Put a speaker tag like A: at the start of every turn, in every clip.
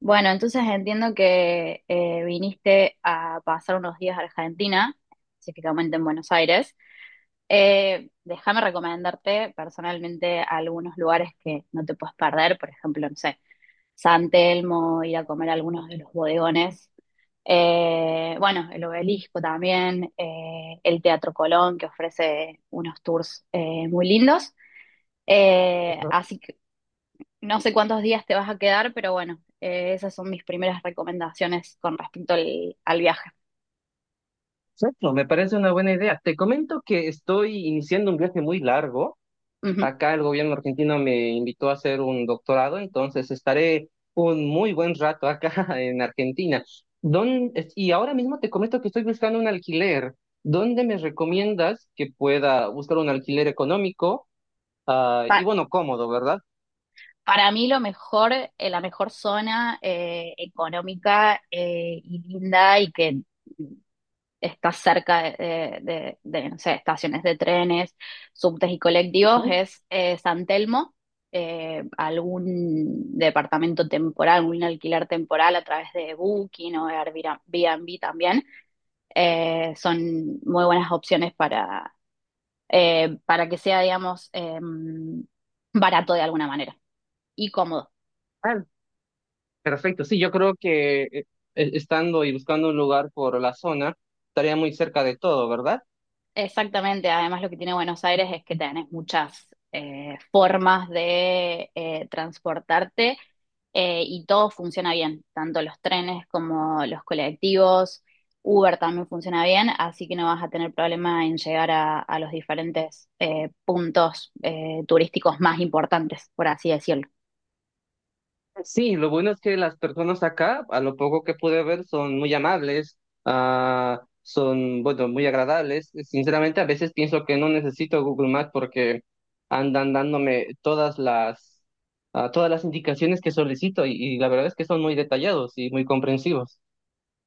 A: Bueno, entonces entiendo que viniste a pasar unos días a Argentina, específicamente en Buenos Aires. Déjame recomendarte personalmente algunos lugares que no te puedes perder, por ejemplo, no sé, San Telmo, ir a comer a algunos de los bodegones. Bueno, el Obelisco también, el Teatro Colón, que ofrece unos tours muy lindos. Así que no sé cuántos días te vas a quedar, pero bueno, esas son mis primeras recomendaciones con respecto al viaje.
B: Perfecto, me parece una buena idea. Te comento que estoy iniciando un viaje muy largo.
A: Ujú.
B: Acá el gobierno argentino me invitó a hacer un doctorado, entonces estaré un muy buen rato acá en Argentina. Y ahora mismo te comento que estoy buscando un alquiler. ¿Dónde me recomiendas que pueda buscar un alquiler económico? Ah, y
A: Pa-
B: bueno, cómodo, ¿verdad?
A: para mí lo mejor, la mejor zona económica y linda y que está cerca de, no sé, estaciones de trenes, subtes y colectivos
B: Mm.
A: es San Telmo, algún departamento temporal, algún alquiler temporal a través de Booking o Airbnb también son muy buenas opciones para que sea, digamos, barato de alguna manera y cómodo.
B: ah, Perfecto, sí, yo creo que estando y buscando un lugar por la zona, estaría muy cerca de todo, ¿verdad?
A: Exactamente, además lo que tiene Buenos Aires es que tenés muchas formas de transportarte y todo funciona bien, tanto los trenes como los colectivos, Uber también funciona bien, así que no vas a tener problema en llegar a los diferentes puntos turísticos más importantes, por así decirlo.
B: Sí, lo bueno es que las personas acá, a lo poco que pude ver, son muy amables, son, bueno, muy agradables. Sinceramente, a veces pienso que no necesito Google Maps porque andan dándome todas las indicaciones que solicito y la verdad es que son muy detallados y muy comprensivos.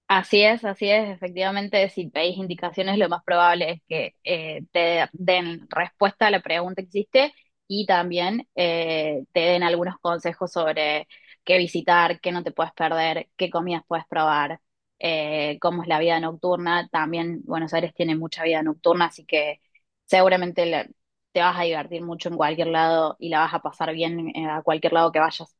A: Así es, así es. Efectivamente, si veis indicaciones, lo más probable es que te den respuesta a la pregunta que hiciste y también te den algunos consejos sobre qué visitar, qué no te puedes perder, qué comidas puedes probar, cómo es la vida nocturna. También Buenos Aires tiene mucha vida nocturna, así que seguramente te vas a divertir mucho en cualquier lado y la vas a pasar bien a cualquier lado que vayas.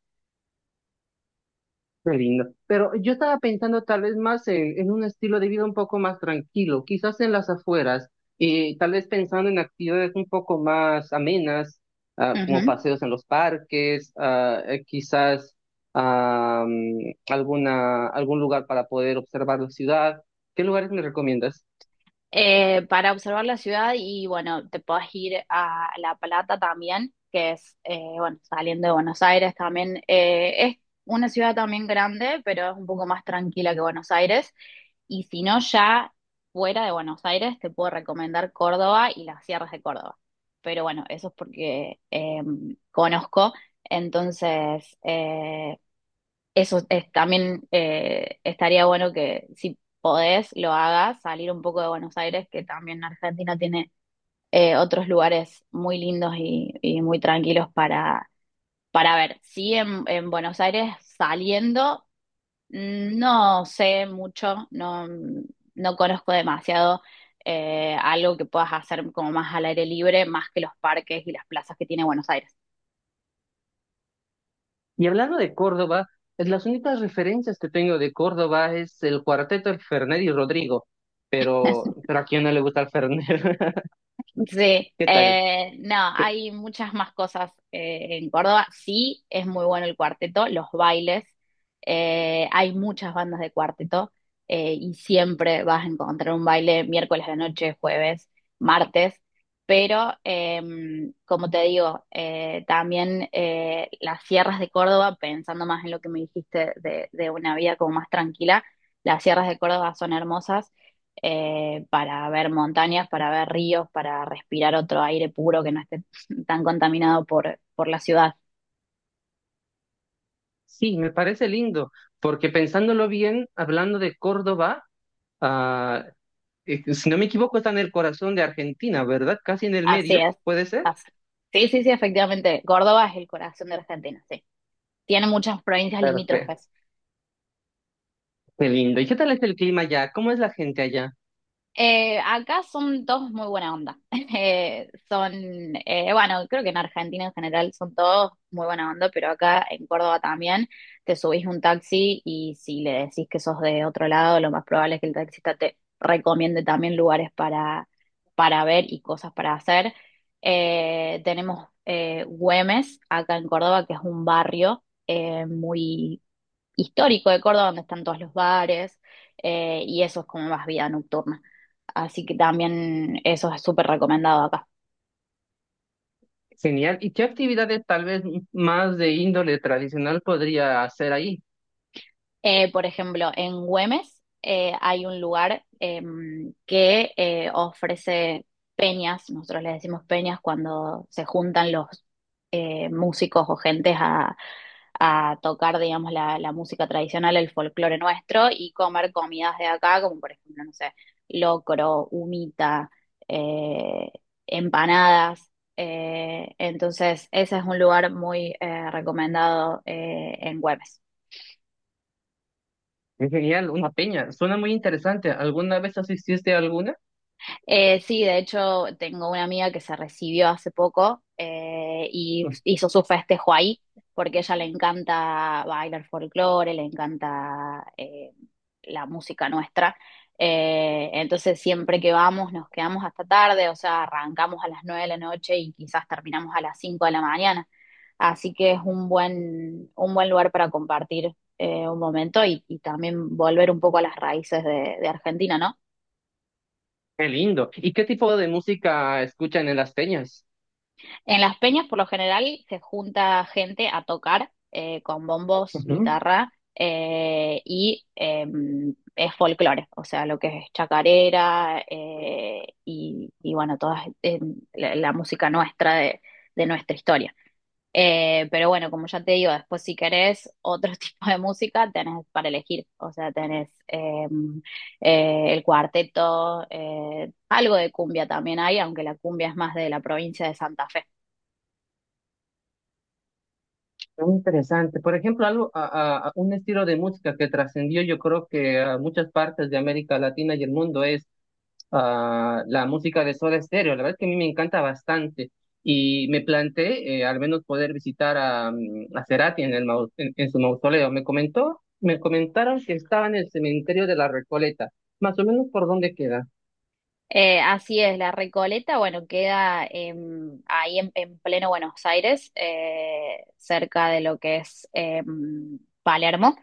B: Qué lindo. Pero yo estaba pensando tal vez más en un estilo de vida un poco más tranquilo, quizás en las afueras, y tal vez pensando en actividades un poco más amenas, como
A: Ujú.
B: paseos en los parques, quizás algún lugar para poder observar la ciudad. ¿Qué lugares me recomiendas?
A: Para observar la ciudad y bueno, te podés ir a La Plata también, que es, bueno, saliendo de Buenos Aires también. Es una ciudad también grande, pero es un poco más tranquila que Buenos Aires. Y si no, ya fuera de Buenos Aires, te puedo recomendar Córdoba y las sierras de Córdoba. Pero bueno, eso es porque conozco. Entonces, eso es, también estaría bueno que si podés lo hagas, salir un poco de Buenos Aires, que también Argentina tiene otros lugares muy lindos y muy tranquilos para ver. Sí, en Buenos Aires saliendo, no sé mucho, no, no conozco demasiado algo que puedas hacer como más al aire libre, más que los parques y las plazas que tiene Buenos Aires.
B: Y hablando de Córdoba, es las únicas referencias que tengo de Córdoba es el cuarteto del Fernet y Rodrigo, pero ¿a quién no le gusta el Fernet?
A: Sí,
B: ¿Qué tal?
A: no, hay muchas más cosas en Córdoba. Sí, es muy bueno el cuarteto, los bailes. Hay muchas bandas de cuarteto y siempre vas a encontrar un baile miércoles de noche, jueves, martes. Pero, como te digo, también las sierras de Córdoba, pensando más en lo que me dijiste de una vida como más tranquila, las sierras de Córdoba son hermosas para ver montañas, para ver ríos, para respirar otro aire puro que no esté tan contaminado por la ciudad.
B: Sí, me parece lindo, porque pensándolo bien, hablando de Córdoba, ah, si no me equivoco, está en el corazón de Argentina, ¿verdad? Casi en el
A: Así
B: medio,
A: es.
B: ¿puede ser?
A: Así- Sí, sí, sí, efectivamente. Córdoba es el corazón de Argentina, sí. Tiene muchas provincias
B: Perfecto,
A: limítrofes.
B: qué lindo. ¿Y qué tal es el clima allá? ¿Cómo es la gente allá?
A: Acá son todos muy buena onda. Son, bueno, creo que en Argentina en general son todos muy buena onda, pero acá en Córdoba también te subís un taxi y si le decís que sos de otro lado, lo más probable es que el taxista te recomiende también lugares para ver y cosas para hacer. Tenemos Güemes, acá en Córdoba, que es un barrio muy histórico de Córdoba, donde están todos los bares, y eso es como más vida nocturna. Así que también eso es súper recomendado acá.
B: Genial. ¿Y qué actividades tal vez más de índole tradicional podría hacer ahí?
A: Por ejemplo, en Güemes hay un lugar que ofrece peñas, nosotros le decimos peñas cuando se juntan los músicos o gentes a tocar, digamos, la música tradicional, el folclore nuestro y comer comidas de acá, como por ejemplo, no sé, locro, humita, eh, empanadas. Entonces, ese es un lugar muy recomendado en Güemes.
B: Es genial, una peña. Suena muy interesante. ¿Alguna vez asististe a alguna?
A: Sí, de hecho, tengo una amiga que se recibió hace poco y hizo su festejo ahí, porque a ella le encanta bailar folclore, le encanta la música nuestra. Entonces, siempre que vamos, nos quedamos hasta tarde, o sea, arrancamos a las 9 de la noche y quizás terminamos a las 5 de la mañana. Así que es un buen lugar para compartir un momento y también volver un poco a las raíces de Argentina, ¿no?
B: Qué lindo. ¿Y qué tipo de música escuchan en las peñas?
A: En las peñas, por lo general, se junta gente a tocar con bombos,
B: Ujú.
A: guitarra es folclore, o sea, lo que es chacarera y bueno, toda la música nuestra de nuestra historia. Pero bueno, como ya te digo, después si querés otro tipo de música, tenés para elegir, o sea, tenés el cuarteto, algo de cumbia también hay, aunque la cumbia es más de la provincia de Santa Fe.
B: Muy interesante. Por ejemplo, algo, a un estilo de música que trascendió, yo creo que a muchas partes de América Latina y el mundo es la música de Soda Stereo. La verdad es que a mí me encanta bastante y me planteé al menos poder visitar a Cerati en su mausoleo. Me comentaron que estaba en el cementerio de la Recoleta, más o menos por dónde queda.
A: Así es, la Recoleta, bueno, queda ahí en pleno Buenos Aires, cerca de lo que es Palermo.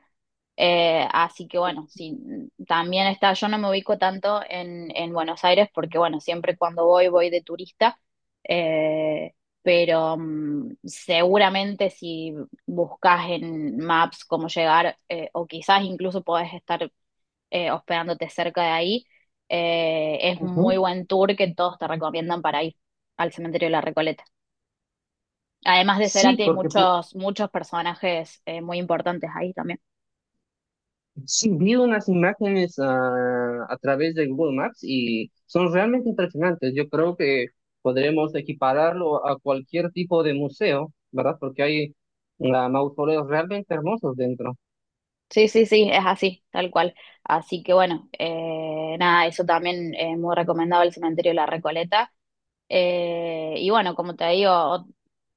A: Así que bueno, sí, también está, yo no me ubico tanto en Buenos Aires porque bueno, siempre cuando voy voy de turista, eh, pero mm, seguramente si buscas en Maps cómo llegar, o quizás incluso podés estar hospedándote cerca de ahí. Es un muy
B: Ujú.
A: buen tour que todos te recomiendan para ir al cementerio de la Recoleta. Además de
B: Sí,
A: Cerati, hay
B: porque pu-
A: muchos, muchos personajes muy importantes ahí también.
B: Sí, vi unas imágenes a través de Google Maps y son realmente impresionantes. Yo creo que podremos equipararlo a cualquier tipo de museo, ¿verdad? Porque hay mausoleos realmente hermosos dentro.
A: Sí, sí, sí, es así, tal cual. Así que bueno, nada, eso también es muy recomendado el cementerio de la Recoleta. Y bueno, como te digo,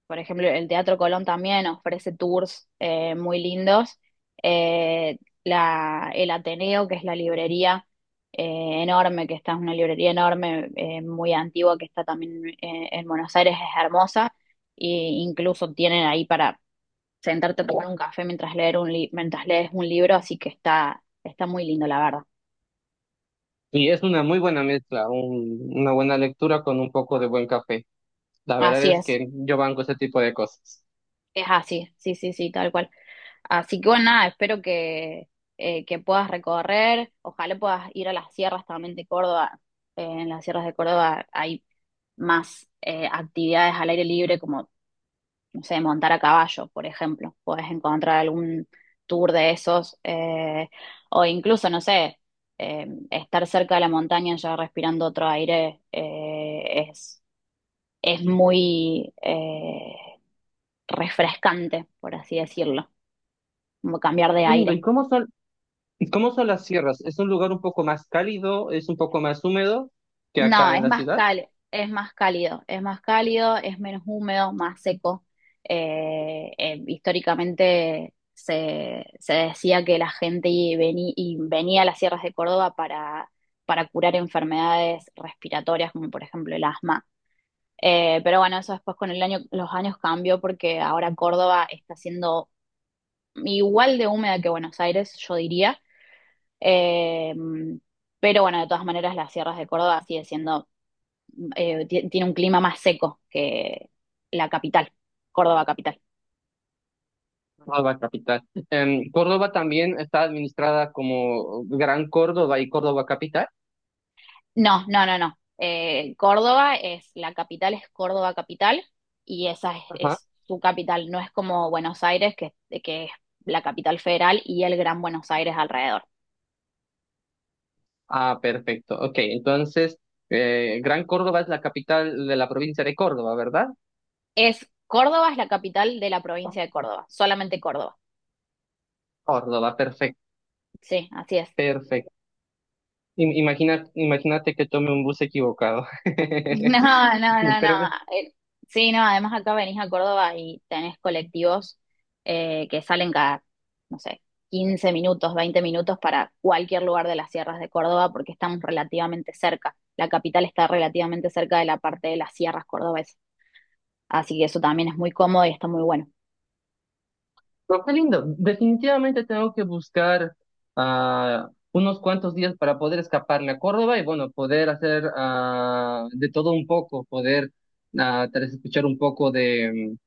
A: por ejemplo, el Teatro Colón también ofrece tours muy lindos. El Ateneo, que es la librería enorme, que está, es una librería enorme, muy antigua, que está también en Buenos Aires, es hermosa. E incluso tienen ahí para sentarte a tomar un café mientras mientras lees un libro, así que está, está muy lindo, la verdad.
B: Y es una muy buena mezcla, una buena lectura con un poco de buen café. La verdad
A: Así
B: es
A: es.
B: que yo banco ese tipo de cosas.
A: Es así, sí, sí, sí, tal cual. Así que bueno, nada, espero que puedas recorrer, ojalá puedas ir a las sierras también de Córdoba. En las sierras de Córdoba hay más actividades al aire libre, como, no sé, montar a caballo, por ejemplo. Puedes encontrar algún tour de esos, o incluso, no sé, estar cerca de la montaña ya respirando otro aire es muy refrescante, por así decirlo, como cambiar de
B: Lindo,
A: aire.
B: ¿y cómo son las sierras? ¿Es un lugar un poco más cálido? ¿Es un poco más húmedo que
A: No,
B: acá en la ciudad?
A: es más cálido, es menos húmedo, más seco. Históricamente se decía que la gente y venía a las sierras de Córdoba para curar enfermedades respiratorias, como por ejemplo el asma. Pero bueno, eso después con los años cambió porque ahora Córdoba está siendo igual de húmeda que Buenos Aires, yo diría. Eh, pero bueno, de todas maneras, las sierras de Córdoba sigue siendo tiene un clima más seco que la capital, Córdoba capital.
B: Córdoba capital. Córdoba también está administrada como Gran Córdoba y Córdoba capital.
A: No, no, no, no. Córdoba es, la capital es Córdoba capital y esa
B: Ajá.
A: es su capital, no es como Buenos Aires, que es la capital federal y el Gran Buenos Aires alrededor.
B: Ah, perfecto. Ok, entonces, Gran Córdoba es la capital de la provincia de Córdoba, ¿verdad?
A: Es Córdoba, es la capital de la provincia de Córdoba, solamente Córdoba.
B: Córdoba, perfecto,
A: Sí, así es.
B: perfecto. Imagínate que tome un bus equivocado.
A: No, no, no, no.
B: Pero
A: Eh, Sí, no, además acá venís a Córdoba y tenés colectivos que salen cada, no sé, 15 minutos, 20 minutos para cualquier lugar de las sierras de Córdoba porque estamos relativamente cerca. La capital está relativamente cerca de la parte de las sierras cordobesas. Así que eso también es muy cómodo y está muy bueno.
B: pero qué lindo. Definitivamente tengo que buscar unos cuantos días para poder escaparme a Córdoba y bueno, poder hacer de todo un poco, poder tal vez escuchar un poco de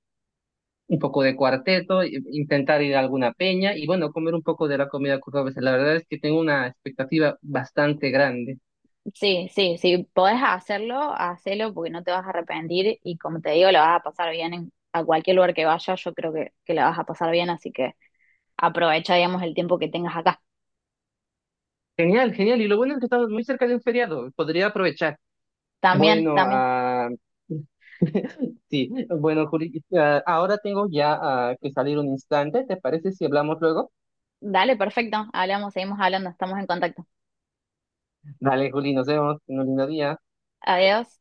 B: un poco de cuarteto, intentar ir a alguna peña y bueno, comer un poco de la comida cordobesa. La verdad es que tengo una expectativa bastante grande.
A: Sí, sí, sí, podés hacerlo, hacelo porque no te vas a arrepentir y como te digo, la vas a pasar bien en, a cualquier lugar que vayas, yo creo que la vas a pasar bien, así que... aprovecha, digamos, el tiempo que tengas acá.
B: Genial, genial. Y lo bueno es que estamos muy cerca de un feriado. Podría aprovechar.
A: También,
B: Bueno,
A: también.
B: sí, bueno, Juli, ahora tengo ya que salir un instante. ¿Te parece si hablamos luego?
A: Dale, perfecto. Hablamos, seguimos hablando, estamos en contacto.
B: Dale, Juli, nos vemos en un lindo día.
A: Adiós.